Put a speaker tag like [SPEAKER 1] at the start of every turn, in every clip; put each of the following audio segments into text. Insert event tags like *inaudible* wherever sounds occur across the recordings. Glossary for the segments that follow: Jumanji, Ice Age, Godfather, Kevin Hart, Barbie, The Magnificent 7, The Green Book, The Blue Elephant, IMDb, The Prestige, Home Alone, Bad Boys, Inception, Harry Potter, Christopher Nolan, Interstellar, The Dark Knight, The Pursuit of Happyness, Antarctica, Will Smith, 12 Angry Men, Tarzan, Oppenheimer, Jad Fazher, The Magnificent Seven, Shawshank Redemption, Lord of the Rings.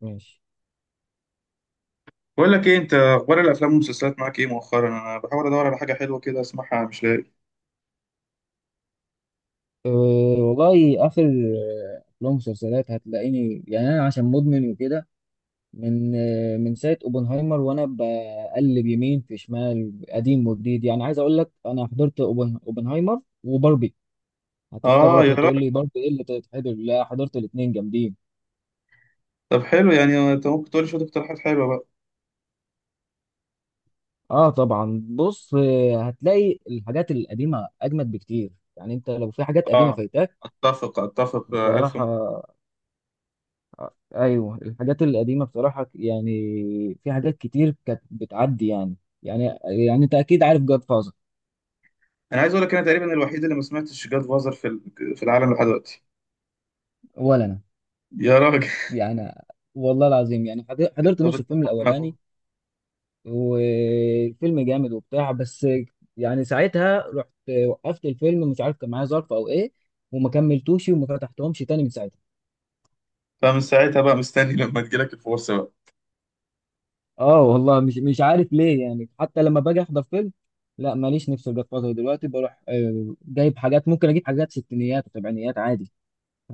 [SPEAKER 1] ماشي،
[SPEAKER 2] بقول لك ايه، انت اخبار الافلام والمسلسلات معاك ايه مؤخرا؟ انا بحاول ادور على حاجه حلوه كده اسمعها، مش لاقي.
[SPEAKER 1] أه. والله آخر أفلام ومسلسلات هتلاقيني، يعني أنا عشان مدمن وكده. من ساعة أوبنهايمر وأنا بقلب يمين في شمال، قديم وجديد، يعني عايز أقول لك أنا حضرت أوبنهايمر وباربي.
[SPEAKER 2] اه
[SPEAKER 1] هتستغرب
[SPEAKER 2] يا
[SPEAKER 1] وتقول لي
[SPEAKER 2] راجل.
[SPEAKER 1] باربي إيه اللي تتحضر؟ لا، حضرت الاتنين جامدين.
[SPEAKER 2] طب حلو، يعني انت ممكن تقول لي شويه اقتراحات حلوه بقى؟
[SPEAKER 1] آه طبعا، بص هتلاقي الحاجات القديمة أجمد بكتير، يعني أنت لو في حاجات قديمة
[SPEAKER 2] اه،
[SPEAKER 1] فايتاك.
[SPEAKER 2] اتفق.
[SPEAKER 1] بصراحة، ايوه الحاجات القديمه بصراحه، يعني في حاجات كتير كانت بتعدي يعني انت اكيد عارف جاد فازر.
[SPEAKER 2] انا عايز اقول لك، انا تقريبا الوحيد اللي ما سمعتش جاد فازر في العالم لحد دلوقتي.
[SPEAKER 1] ولا انا،
[SPEAKER 2] يا راجل.
[SPEAKER 1] يعني. والله العظيم، يعني
[SPEAKER 2] *laughs*
[SPEAKER 1] حضرت
[SPEAKER 2] طب
[SPEAKER 1] نص الفيلم
[SPEAKER 2] اتفقنا اهو.
[SPEAKER 1] الاولاني، والفيلم جامد وبتاع، بس يعني ساعتها رحت، وقفت الفيلم، مش عارف كان معايا ظرف او ايه، وما كملتوش وما فتحتهمش تاني من ساعتها.
[SPEAKER 2] فمن ساعتها بقى مستني *laughs* لما تجيلك الفرصه بقى.
[SPEAKER 1] اه والله، مش عارف ليه، يعني حتى لما باجي احضر فيلم لا ماليش نفس الجاد فازر دلوقتي. بروح جايب حاجات، ممكن اجيب حاجات ستينيات وسبعينيات عادي.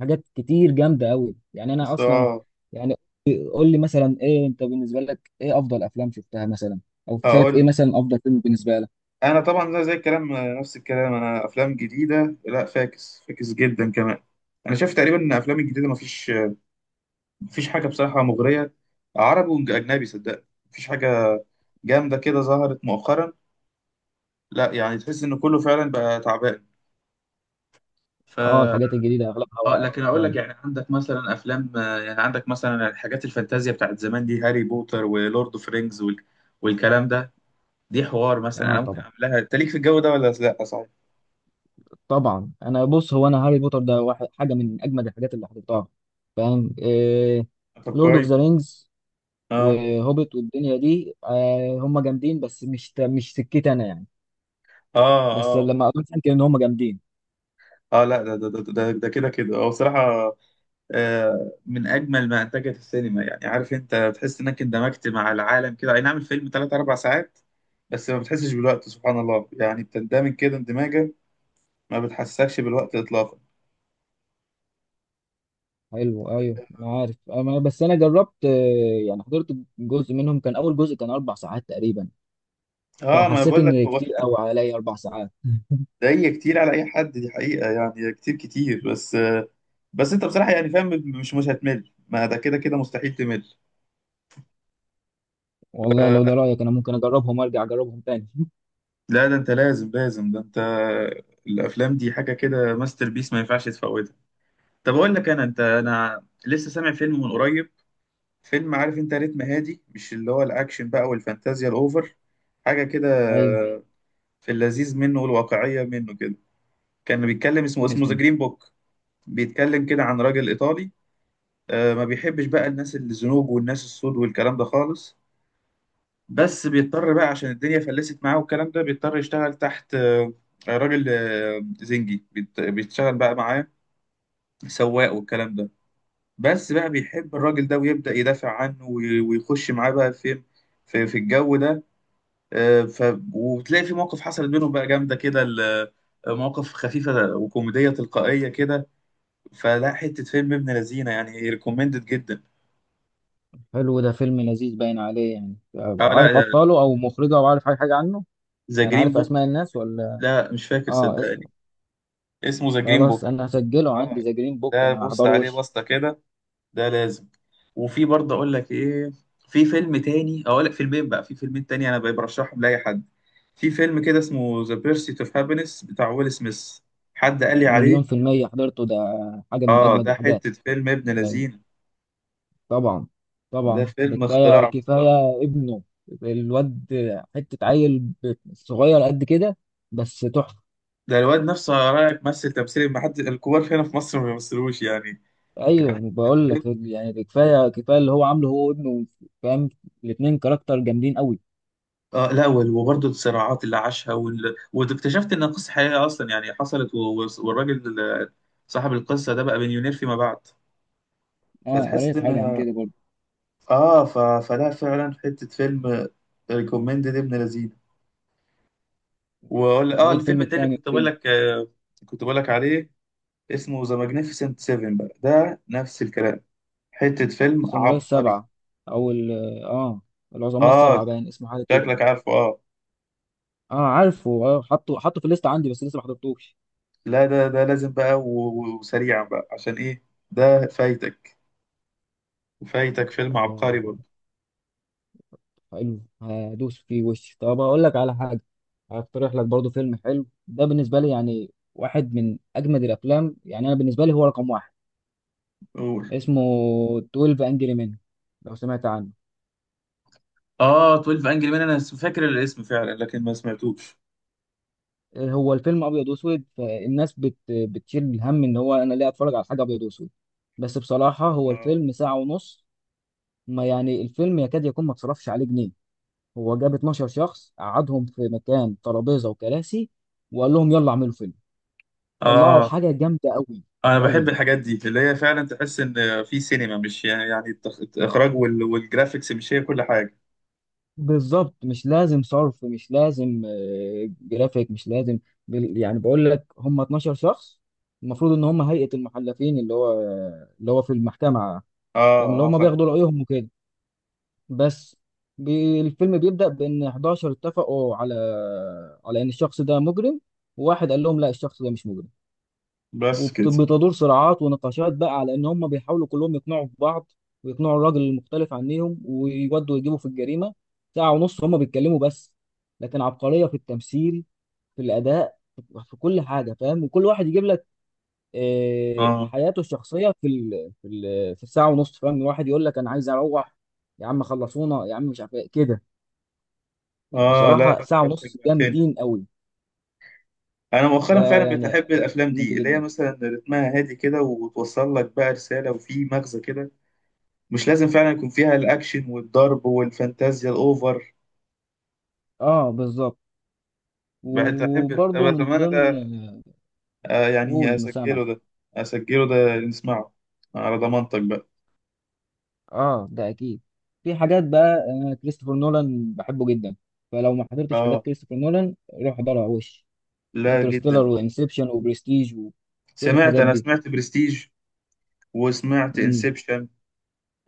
[SPEAKER 1] حاجات كتير جامده قوي، يعني انا
[SPEAKER 2] بس
[SPEAKER 1] اصلا
[SPEAKER 2] اه،
[SPEAKER 1] يعني. قول لي مثلا ايه، انت بالنسبه لك ايه افضل افلام شفتها مثلا، او شايف
[SPEAKER 2] هقول
[SPEAKER 1] ايه
[SPEAKER 2] لك.
[SPEAKER 1] مثلا افضل فيلم بالنسبه لك؟
[SPEAKER 2] انا طبعا زي الكلام، نفس الكلام. انا افلام جديده لا، فاكس فاكس جدا كمان. انا شايف تقريبا ان افلام الجديده مفيش حاجة بصراحة مغرية، عربي وأجنبي صدق. مفيش حاجة جامدة كده ظهرت مؤخرا، لا يعني تحس إن كله فعلا بقى تعبان. ف
[SPEAKER 1] اه الحاجات الجديده اغلبها
[SPEAKER 2] اه.
[SPEAKER 1] واقع
[SPEAKER 2] لكن أقول لك،
[SPEAKER 1] فعلا.
[SPEAKER 2] يعني عندك مثلا أفلام، يعني عندك مثلا الحاجات الفانتازيا بتاعت زمان دي، هاري بوتر ولورد أوف رينجز وال... والكلام ده. دي حوار مثلا
[SPEAKER 1] اه
[SPEAKER 2] أنا ممكن
[SPEAKER 1] طبعا
[SPEAKER 2] أعملها، أنت ليك في الجو ده ولا لا، صحيح؟
[SPEAKER 1] طبعا. انا بص، هو انا هاري بوتر ده واحد حاجه من اجمد الحاجات اللي حضرتها، فاهم إيه؟
[SPEAKER 2] طب
[SPEAKER 1] لورد اوف
[SPEAKER 2] كويس.
[SPEAKER 1] ذا رينجز
[SPEAKER 2] اه.
[SPEAKER 1] وهوبيت والدنيا دي، آه هم جامدين، بس مش سكتي انا، يعني.
[SPEAKER 2] اه.
[SPEAKER 1] بس
[SPEAKER 2] اه.
[SPEAKER 1] لما قريت عنك ان هم جامدين.
[SPEAKER 2] اه لا، ده كده هو بصراحة، من اجمل ما انتجت السينما. يعني عارف، انت تحس انك اندمجت مع العالم كده، اي نعم الفيلم 3 4 ساعات بس ما بتحسش بالوقت. سبحان الله، يعني بتندمج كده اندماجا، ما بتحسكش بالوقت اطلاقا.
[SPEAKER 1] حلو ايوه، انا عارف. أنا بس انا جربت، يعني حضرت جزء منهم، كان اول جزء كان اربع ساعات تقريبا،
[SPEAKER 2] اه، ما أنا
[SPEAKER 1] فحسيت
[SPEAKER 2] بقول لك،
[SPEAKER 1] ان
[SPEAKER 2] هو
[SPEAKER 1] كتير قوي عليا اربع ساعات.
[SPEAKER 2] ده، هي كتير على اي حد، دي حقيقة يعني، كتير بس. بس انت بصراحة يعني، فاهم، مش هتمل، ما ده كده مستحيل تمل.
[SPEAKER 1] والله لو ده رايك انا ممكن اجربهم، ارجع اجربهم تاني. *laughs*
[SPEAKER 2] لا، ده انت لازم، ده انت الافلام دي حاجة كده ماستر بيس، ما ينفعش تفوتها. طب اقول لك. انا انت انا لسه سامع فيلم من قريب، فيلم، عارف انت، رتم هادي، مش اللي هو الاكشن بقى والفانتازيا الاوفر، حاجه كده،
[SPEAKER 1] ايوه.
[SPEAKER 2] في اللذيذ منه والواقعيه منه كده. كان بيتكلم، اسمه ذا
[SPEAKER 1] اسمه.
[SPEAKER 2] جرين بوك. بيتكلم كده عن راجل ايطالي، ما بيحبش بقى الناس الزنوج والناس السود والكلام ده خالص. بس بيضطر بقى عشان الدنيا فلست معاه والكلام ده، بيضطر يشتغل تحت، راجل زنجي، بيشتغل بقى معاه، سواق والكلام ده. بس بقى بيحب الراجل ده، ويبدأ يدافع عنه ويخش معاه بقى فين، في الجو ده. آه، ف وتلاقي في مواقف حصلت بينهم بقى جامده كده، مواقف خفيفه وكوميديه تلقائيه كده. فلا، حته فيلم ابن لذينه، يعني ريكومندد جدا.
[SPEAKER 1] حلو ده، فيلم لذيذ باين عليه. يعني
[SPEAKER 2] اه
[SPEAKER 1] أبقى عارف
[SPEAKER 2] لا،
[SPEAKER 1] ابطاله او مخرجه او عارف اي حاجه عنه؟
[SPEAKER 2] ذا
[SPEAKER 1] يعني
[SPEAKER 2] جرين
[SPEAKER 1] عارف اسماء
[SPEAKER 2] بوك.
[SPEAKER 1] الناس ولا؟
[SPEAKER 2] لا مش فاكر
[SPEAKER 1] اه، اسم.
[SPEAKER 2] صدقني. اسمه ذا جرين
[SPEAKER 1] خلاص
[SPEAKER 2] بوك.
[SPEAKER 1] انا هسجله عندي،
[SPEAKER 2] اه.
[SPEAKER 1] ذا جرين بوك،
[SPEAKER 2] ده
[SPEAKER 1] انا
[SPEAKER 2] بص
[SPEAKER 1] هحضره
[SPEAKER 2] عليه
[SPEAKER 1] وش.
[SPEAKER 2] بسطه كده، ده لازم. وفي برضه اقول لك ايه. في فيلم تاني. اقول لك فيلمين بقى، في فيلمين تاني انا برشحهم لاي حد. في فيلم كده اسمه ذا بيرسيت اوف هابينس بتاع ويل سميث. حد قال لي عليه.
[SPEAKER 1] مليون في المية حضرته ده، حاجة من
[SPEAKER 2] اه،
[SPEAKER 1] أجمد
[SPEAKER 2] ده
[SPEAKER 1] الحاجات.
[SPEAKER 2] حتة فيلم ابن لذين.
[SPEAKER 1] طبعا
[SPEAKER 2] ده
[SPEAKER 1] طبعا، ده
[SPEAKER 2] فيلم
[SPEAKER 1] كفايه
[SPEAKER 2] اختراع بصراحة.
[SPEAKER 1] كفايه ابنه. الواد، حته عيل صغير قد كده، بس تحفه.
[SPEAKER 2] ده الواد نفسه على رأيك مثل تمثيل، ما حد الكبار هنا في مصر ما بيمثلوش يعني. كان
[SPEAKER 1] ايوه
[SPEAKER 2] حتة
[SPEAKER 1] بقول لك،
[SPEAKER 2] فيلم.
[SPEAKER 1] يعني ده كفايه كفايه اللي هو عامله هو وابنه، فاهم. الاثنين كاركتر جامدين قوي.
[SPEAKER 2] اه لا، وبرضه الصراعات اللي عاشها وال... واكتشفت ان القصة حقيقية اصلا يعني حصلت و... و- والراجل صاحب القصة ده بقى مليونير فيما بعد،
[SPEAKER 1] اه
[SPEAKER 2] فتحس
[SPEAKER 1] قريت
[SPEAKER 2] ان
[SPEAKER 1] حاجه عن كده برضه.
[SPEAKER 2] اه. فلا فعلا حتة فيلم، ريكومندد ابن لذيذ. واقول اه،
[SPEAKER 1] ايه
[SPEAKER 2] الفيلم
[SPEAKER 1] الفيلم
[SPEAKER 2] التاني اللي
[SPEAKER 1] التاني
[SPEAKER 2] كنت بقول لك، كنت بقول لك عليه، اسمه ذا ماجنيفيسنت 7 بقى. ده نفس الكلام، حتة فيلم
[SPEAKER 1] الساموراي
[SPEAKER 2] عبقري.
[SPEAKER 1] السبعه، او اه، العظماء
[SPEAKER 2] اه.
[SPEAKER 1] السبعه باين اسمه حاجه كده.
[SPEAKER 2] شكلك عارفه. اه
[SPEAKER 1] اه عارفه، حطه في الليسته عندي، بس لسه ما حضرتوش.
[SPEAKER 2] لا، ده لازم بقى وسريعا بقى، عشان ايه؟ ده فايتك، فايتك فيلم عبقري
[SPEAKER 1] آه،
[SPEAKER 2] برضه.
[SPEAKER 1] حلو هدوس فيه وش. طب هقول لك على حاجه، هقترح لك برضو فيلم حلو، ده بالنسبه لي يعني واحد من اجمد الافلام. يعني انا بالنسبه لي هو رقم واحد.
[SPEAKER 2] قول.
[SPEAKER 1] اسمه 12 انجري مان، لو سمعت عنه.
[SPEAKER 2] اه 12 انجري مان. انا فاكر الاسم فعلا لكن ما سمعتوش.
[SPEAKER 1] هو الفيلم ابيض واسود، فالناس بتشيل الهم ان هو انا ليه اتفرج على حاجه ابيض واسود. بس بصراحه، هو
[SPEAKER 2] اه.
[SPEAKER 1] الفيلم ساعه ونص. ما يعني الفيلم يكاد يكون ما اتصرفش عليه جنيه. هو جاب 12 شخص، قعدهم في مكان ترابيزه وكراسي، وقال لهم يلا اعملوا فيلم. طلعوا
[SPEAKER 2] اه،
[SPEAKER 1] حاجة جامدة أوي،
[SPEAKER 2] انا بحب
[SPEAKER 1] أوي.
[SPEAKER 2] الحاجات دي اللي هي فعلا تحس ان في سينما، مش يعني، الاخراج والجرافيكس مش هي كل حاجة.
[SPEAKER 1] بالظبط، مش لازم صرف، مش لازم، جرافيك مش لازم. يعني بقول لك هم 12 شخص، المفروض إن هم هيئة المحلفين، اللي هو اللي هو في المحكمة،
[SPEAKER 2] اه
[SPEAKER 1] فاهم، اللي
[SPEAKER 2] اه
[SPEAKER 1] هم
[SPEAKER 2] فاهم.
[SPEAKER 1] بياخدوا رأيهم وكده. بس الفيلم بيبدأ بإن 11 اتفقوا على على إن الشخص ده مجرم، وواحد قال لهم لا الشخص ده مش مجرم.
[SPEAKER 2] بس كده.
[SPEAKER 1] وبتدور صراعات ونقاشات بقى على ان هم بيحاولوا كلهم يقنعوا في بعض، ويقنعوا الراجل المختلف عنهم، ويودوا يجيبوا في الجريمه. ساعه ونص هم بيتكلموا بس، لكن عبقريه في التمثيل، في الاداء، في كل حاجه، فاهم. وكل واحد يجيب لك
[SPEAKER 2] اه.
[SPEAKER 1] حياته الشخصيه في ال في ال في الساعه ونص، فاهم. واحد يقول لك انا عايز اروح، يا عم خلصونا يا عم، مش عارف ايه كده.
[SPEAKER 2] اه لا.
[SPEAKER 1] بصراحه
[SPEAKER 2] لا
[SPEAKER 1] ساعه ونص جامدين قوي.
[SPEAKER 2] انا مؤخرا
[SPEAKER 1] ده
[SPEAKER 2] فعلا
[SPEAKER 1] يعني
[SPEAKER 2] بتحب الافلام
[SPEAKER 1] منه
[SPEAKER 2] دي اللي هي
[SPEAKER 1] جدا.
[SPEAKER 2] مثلا رتمها هادي كده، وتوصل لك بقى رساله وفي مغزى كده. مش لازم فعلا يكون فيها الاكشن والضرب والفانتازيا الاوفر.
[SPEAKER 1] اه بالظبط،
[SPEAKER 2] بحب.
[SPEAKER 1] وبرضه
[SPEAKER 2] طب
[SPEAKER 1] من
[SPEAKER 2] زمان
[SPEAKER 1] ضمن.
[SPEAKER 2] ده، يعني
[SPEAKER 1] قول مسامع.
[SPEAKER 2] اسجله ده. اسجله ده، نسمعه على ضمانتك بقى.
[SPEAKER 1] اه ده اكيد. في حاجات بقى، انا كريستوفر نولان بحبه جدا، فلو ما حضرتش حاجات
[SPEAKER 2] اه
[SPEAKER 1] كريستوفر نولان روح احضرها وش.
[SPEAKER 2] لا،
[SPEAKER 1] انترستيلر
[SPEAKER 2] جدا.
[SPEAKER 1] وانسبشن وبرستيج وكل
[SPEAKER 2] سمعت،
[SPEAKER 1] الحاجات
[SPEAKER 2] انا
[SPEAKER 1] دي.
[SPEAKER 2] سمعت برستيج، وسمعت
[SPEAKER 1] امم.
[SPEAKER 2] انسبشن.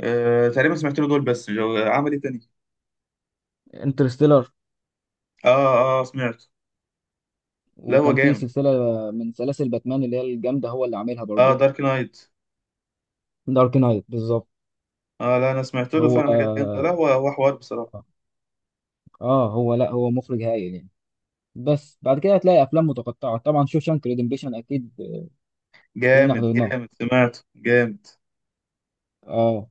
[SPEAKER 2] آه تقريبا سمعت له دول بس، عمل ايه تاني؟
[SPEAKER 1] انترستيلر.
[SPEAKER 2] اه اه سمعت. لا هو
[SPEAKER 1] وكان في
[SPEAKER 2] جامد.
[SPEAKER 1] سلسله من سلاسل باتمان اللي هي الجامده، هو اللي عاملها
[SPEAKER 2] اه
[SPEAKER 1] برضه.
[SPEAKER 2] دارك نايت.
[SPEAKER 1] دارك نايت بالظبط.
[SPEAKER 2] اه لا، انا سمعت له
[SPEAKER 1] هو
[SPEAKER 2] فعلا حاجات جامده، لا
[SPEAKER 1] اه،
[SPEAKER 2] هو، هو حوار بصراحه.
[SPEAKER 1] هو لا، هو مخرج هايل يعني. بس بعد كده هتلاقي افلام متقطعه، طبعا شوشانك ريدمبيشن اكيد كلنا
[SPEAKER 2] جامد
[SPEAKER 1] حضرناه.
[SPEAKER 2] جامد سمعته جامد.
[SPEAKER 1] اه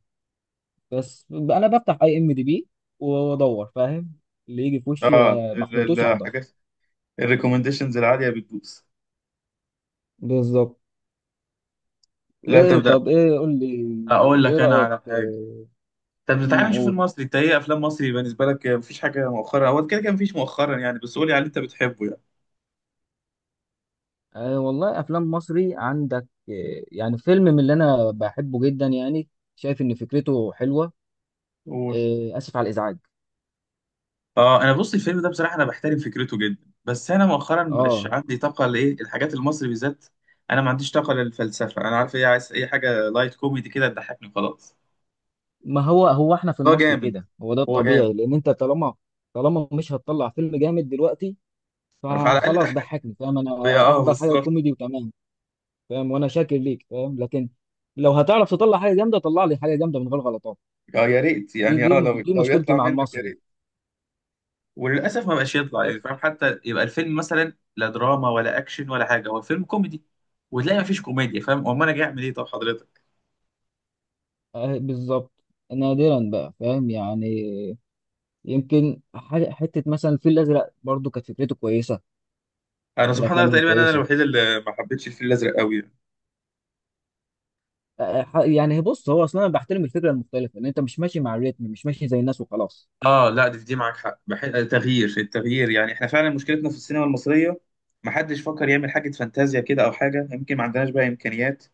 [SPEAKER 1] بس انا بفتح اي ام دي بي وادور، فاهم، اللي يجي في وشي
[SPEAKER 2] اه
[SPEAKER 1] ما حضرتوش احضر.
[SPEAKER 2] الحاجات، الريكومنديشنز العاليه بتدوس.
[SPEAKER 1] بالظبط.
[SPEAKER 2] لا
[SPEAKER 1] ايه،
[SPEAKER 2] تبدا.
[SPEAKER 1] طب ايه قول لي؟
[SPEAKER 2] اقول
[SPEAKER 1] ايه
[SPEAKER 2] لك انا
[SPEAKER 1] رأيك
[SPEAKER 2] على حاجه. طب تعالى نشوف
[SPEAKER 1] قول.
[SPEAKER 2] المصري. انت ايه افلام مصري بالنسبه لك؟ مفيش حاجه مؤخرا. هو كده كده مفيش مؤخرا يعني، بس قولي على اللي انت بتحبه يعني.
[SPEAKER 1] والله، افلام مصري عندك يعني فيلم من اللي انا بحبه جدا يعني، شايف ان فكرته حلوة.
[SPEAKER 2] قول.
[SPEAKER 1] آه، اسف على الازعاج.
[SPEAKER 2] اه، انا بص الفيلم ده بصراحه انا بحترم فكرته جدا، بس انا مؤخرا مش
[SPEAKER 1] اه،
[SPEAKER 2] عندي طاقه لايه الحاجات المصري بالذات. انا ما عنديش طاقه للفلسفه. انا عارف ايه؟ عايز اي حاجه لايت كوميدي كده تضحكني، خلاص.
[SPEAKER 1] ما هو هو احنا في
[SPEAKER 2] هو
[SPEAKER 1] المصري
[SPEAKER 2] جامد
[SPEAKER 1] كده هو ده
[SPEAKER 2] هو
[SPEAKER 1] الطبيعي،
[SPEAKER 2] جامد.
[SPEAKER 1] لان انت طالما طالما مش هتطلع فيلم جامد دلوقتي،
[SPEAKER 2] فعلى الاقل
[SPEAKER 1] فخلاص
[SPEAKER 2] ضحك.
[SPEAKER 1] ضحكني، فاهم.
[SPEAKER 2] يا
[SPEAKER 1] انا
[SPEAKER 2] اه،
[SPEAKER 1] احضر حاجة
[SPEAKER 2] بالظبط.
[SPEAKER 1] كوميدي وتمام. فاهم، وانا شاكر ليك، فاهم، لكن لو هتعرف تطلع حاجه جامده طلع لي حاجه جامده من غير غلطات.
[SPEAKER 2] اه يا ريت،
[SPEAKER 1] دي
[SPEAKER 2] يعني
[SPEAKER 1] دي
[SPEAKER 2] اه، لو
[SPEAKER 1] دي
[SPEAKER 2] لو
[SPEAKER 1] مشكلتي
[SPEAKER 2] يطلع
[SPEAKER 1] مع
[SPEAKER 2] منك يا
[SPEAKER 1] المصري
[SPEAKER 2] ريت. وللاسف ما بقاش يطلع يعني
[SPEAKER 1] بس.
[SPEAKER 2] فاهم، حتى يبقى الفيلم مثلا لا دراما ولا اكشن ولا حاجه، هو فيلم كوميدي، وتلاقي ما فيش كوميديا، فاهم، امال انا جاي اعمل ايه؟ طب حضرتك،
[SPEAKER 1] آه بالظبط. نادرا بقى، فاهم يعني. يمكن حته مثلا الفيل الازرق برضو كانت فكرته كويسه،
[SPEAKER 2] انا
[SPEAKER 1] من
[SPEAKER 2] سبحان الله
[SPEAKER 1] الافلام
[SPEAKER 2] تقريبا انا
[SPEAKER 1] الكويسه.
[SPEAKER 2] الوحيد اللي ما حبيتش الفيل الازرق قوي يعني.
[SPEAKER 1] يعني بص، هو اصلا انا بحترم الفكره المختلفه، ان انت مش ماشي مع الريتم، مش ماشي زي الناس وخلاص.
[SPEAKER 2] اه لا، دي معاك حق. التغيير يعني احنا فعلا مشكلتنا في السينما المصريه، ما حدش فكر يعمل حاجه فانتازيا كده او حاجه. يمكن ما عندناش بقى امكانيات،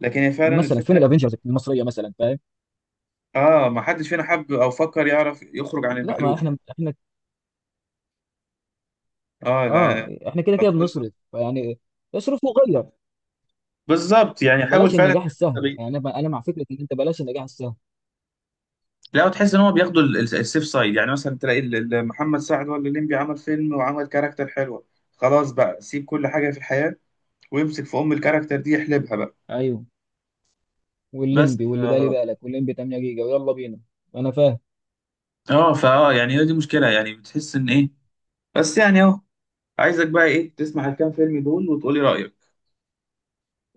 [SPEAKER 2] لكن هي فعلا
[SPEAKER 1] مثلا فين
[SPEAKER 2] الفكره.
[SPEAKER 1] الافنجرز المصريه مثلا، فاهم؟
[SPEAKER 2] اه ما حدش فينا حب او فكر يعرف يخرج عن
[SPEAKER 1] لا، ما
[SPEAKER 2] المألوف.
[SPEAKER 1] احنا احنا.
[SPEAKER 2] اه
[SPEAKER 1] اه
[SPEAKER 2] لا،
[SPEAKER 1] احنا كده كده
[SPEAKER 2] بطلنا.
[SPEAKER 1] بنصرف، فيعني اصرف وغير.
[SPEAKER 2] بالظبط، يعني حاول
[SPEAKER 1] بلاش
[SPEAKER 2] فعلا
[SPEAKER 1] النجاح
[SPEAKER 2] تعمل
[SPEAKER 1] السهل، يعني
[SPEAKER 2] تغيير.
[SPEAKER 1] انا مع فكره ان انت بلاش النجاح السهل.
[SPEAKER 2] لا، وتحس ان هو بياخدوا السيف سايد، يعني مثلا تلاقي محمد سعد ولا الليمبي عمل فيلم وعمل كاركتر حلوه، خلاص بقى سيب كل حاجه في الحياه، ويمسك في ام الكاركتر دي يحلبها بقى.
[SPEAKER 1] ايوه،
[SPEAKER 2] بس
[SPEAKER 1] والليمبي واللي بالي بالك، والليمبي 8 جيجا ويلا بينا. انا فاهم.
[SPEAKER 2] اه فا آه، يعني هي دي مشكله، يعني بتحس ان ايه. بس يعني اهو. عايزك بقى ايه؟ تسمع الكام فيلم دول وتقولي رايك.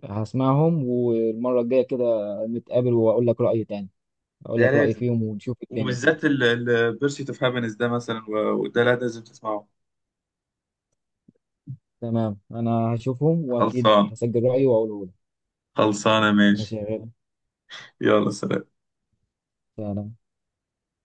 [SPEAKER 1] هسمعهم والمره الجايه كده نتقابل، واقول لك رايي تاني، اقول
[SPEAKER 2] ده
[SPEAKER 1] لك رايي
[SPEAKER 2] لازم،
[SPEAKER 1] فيهم، ونشوف الدنيا كده.
[SPEAKER 2] وبالذات البيرسيت اوف هابينس ده مثلا، وده لازم تسمعه.
[SPEAKER 1] تمام، انا هشوفهم واكيد
[SPEAKER 2] خلصان.
[SPEAKER 1] هسجل رايي واقوله لك.
[SPEAKER 2] خلصانة،
[SPEAKER 1] ماشي
[SPEAKER 2] ماشي.
[SPEAKER 1] يا غالي.
[SPEAKER 2] يلا سلام.
[SPEAKER 1] سلام.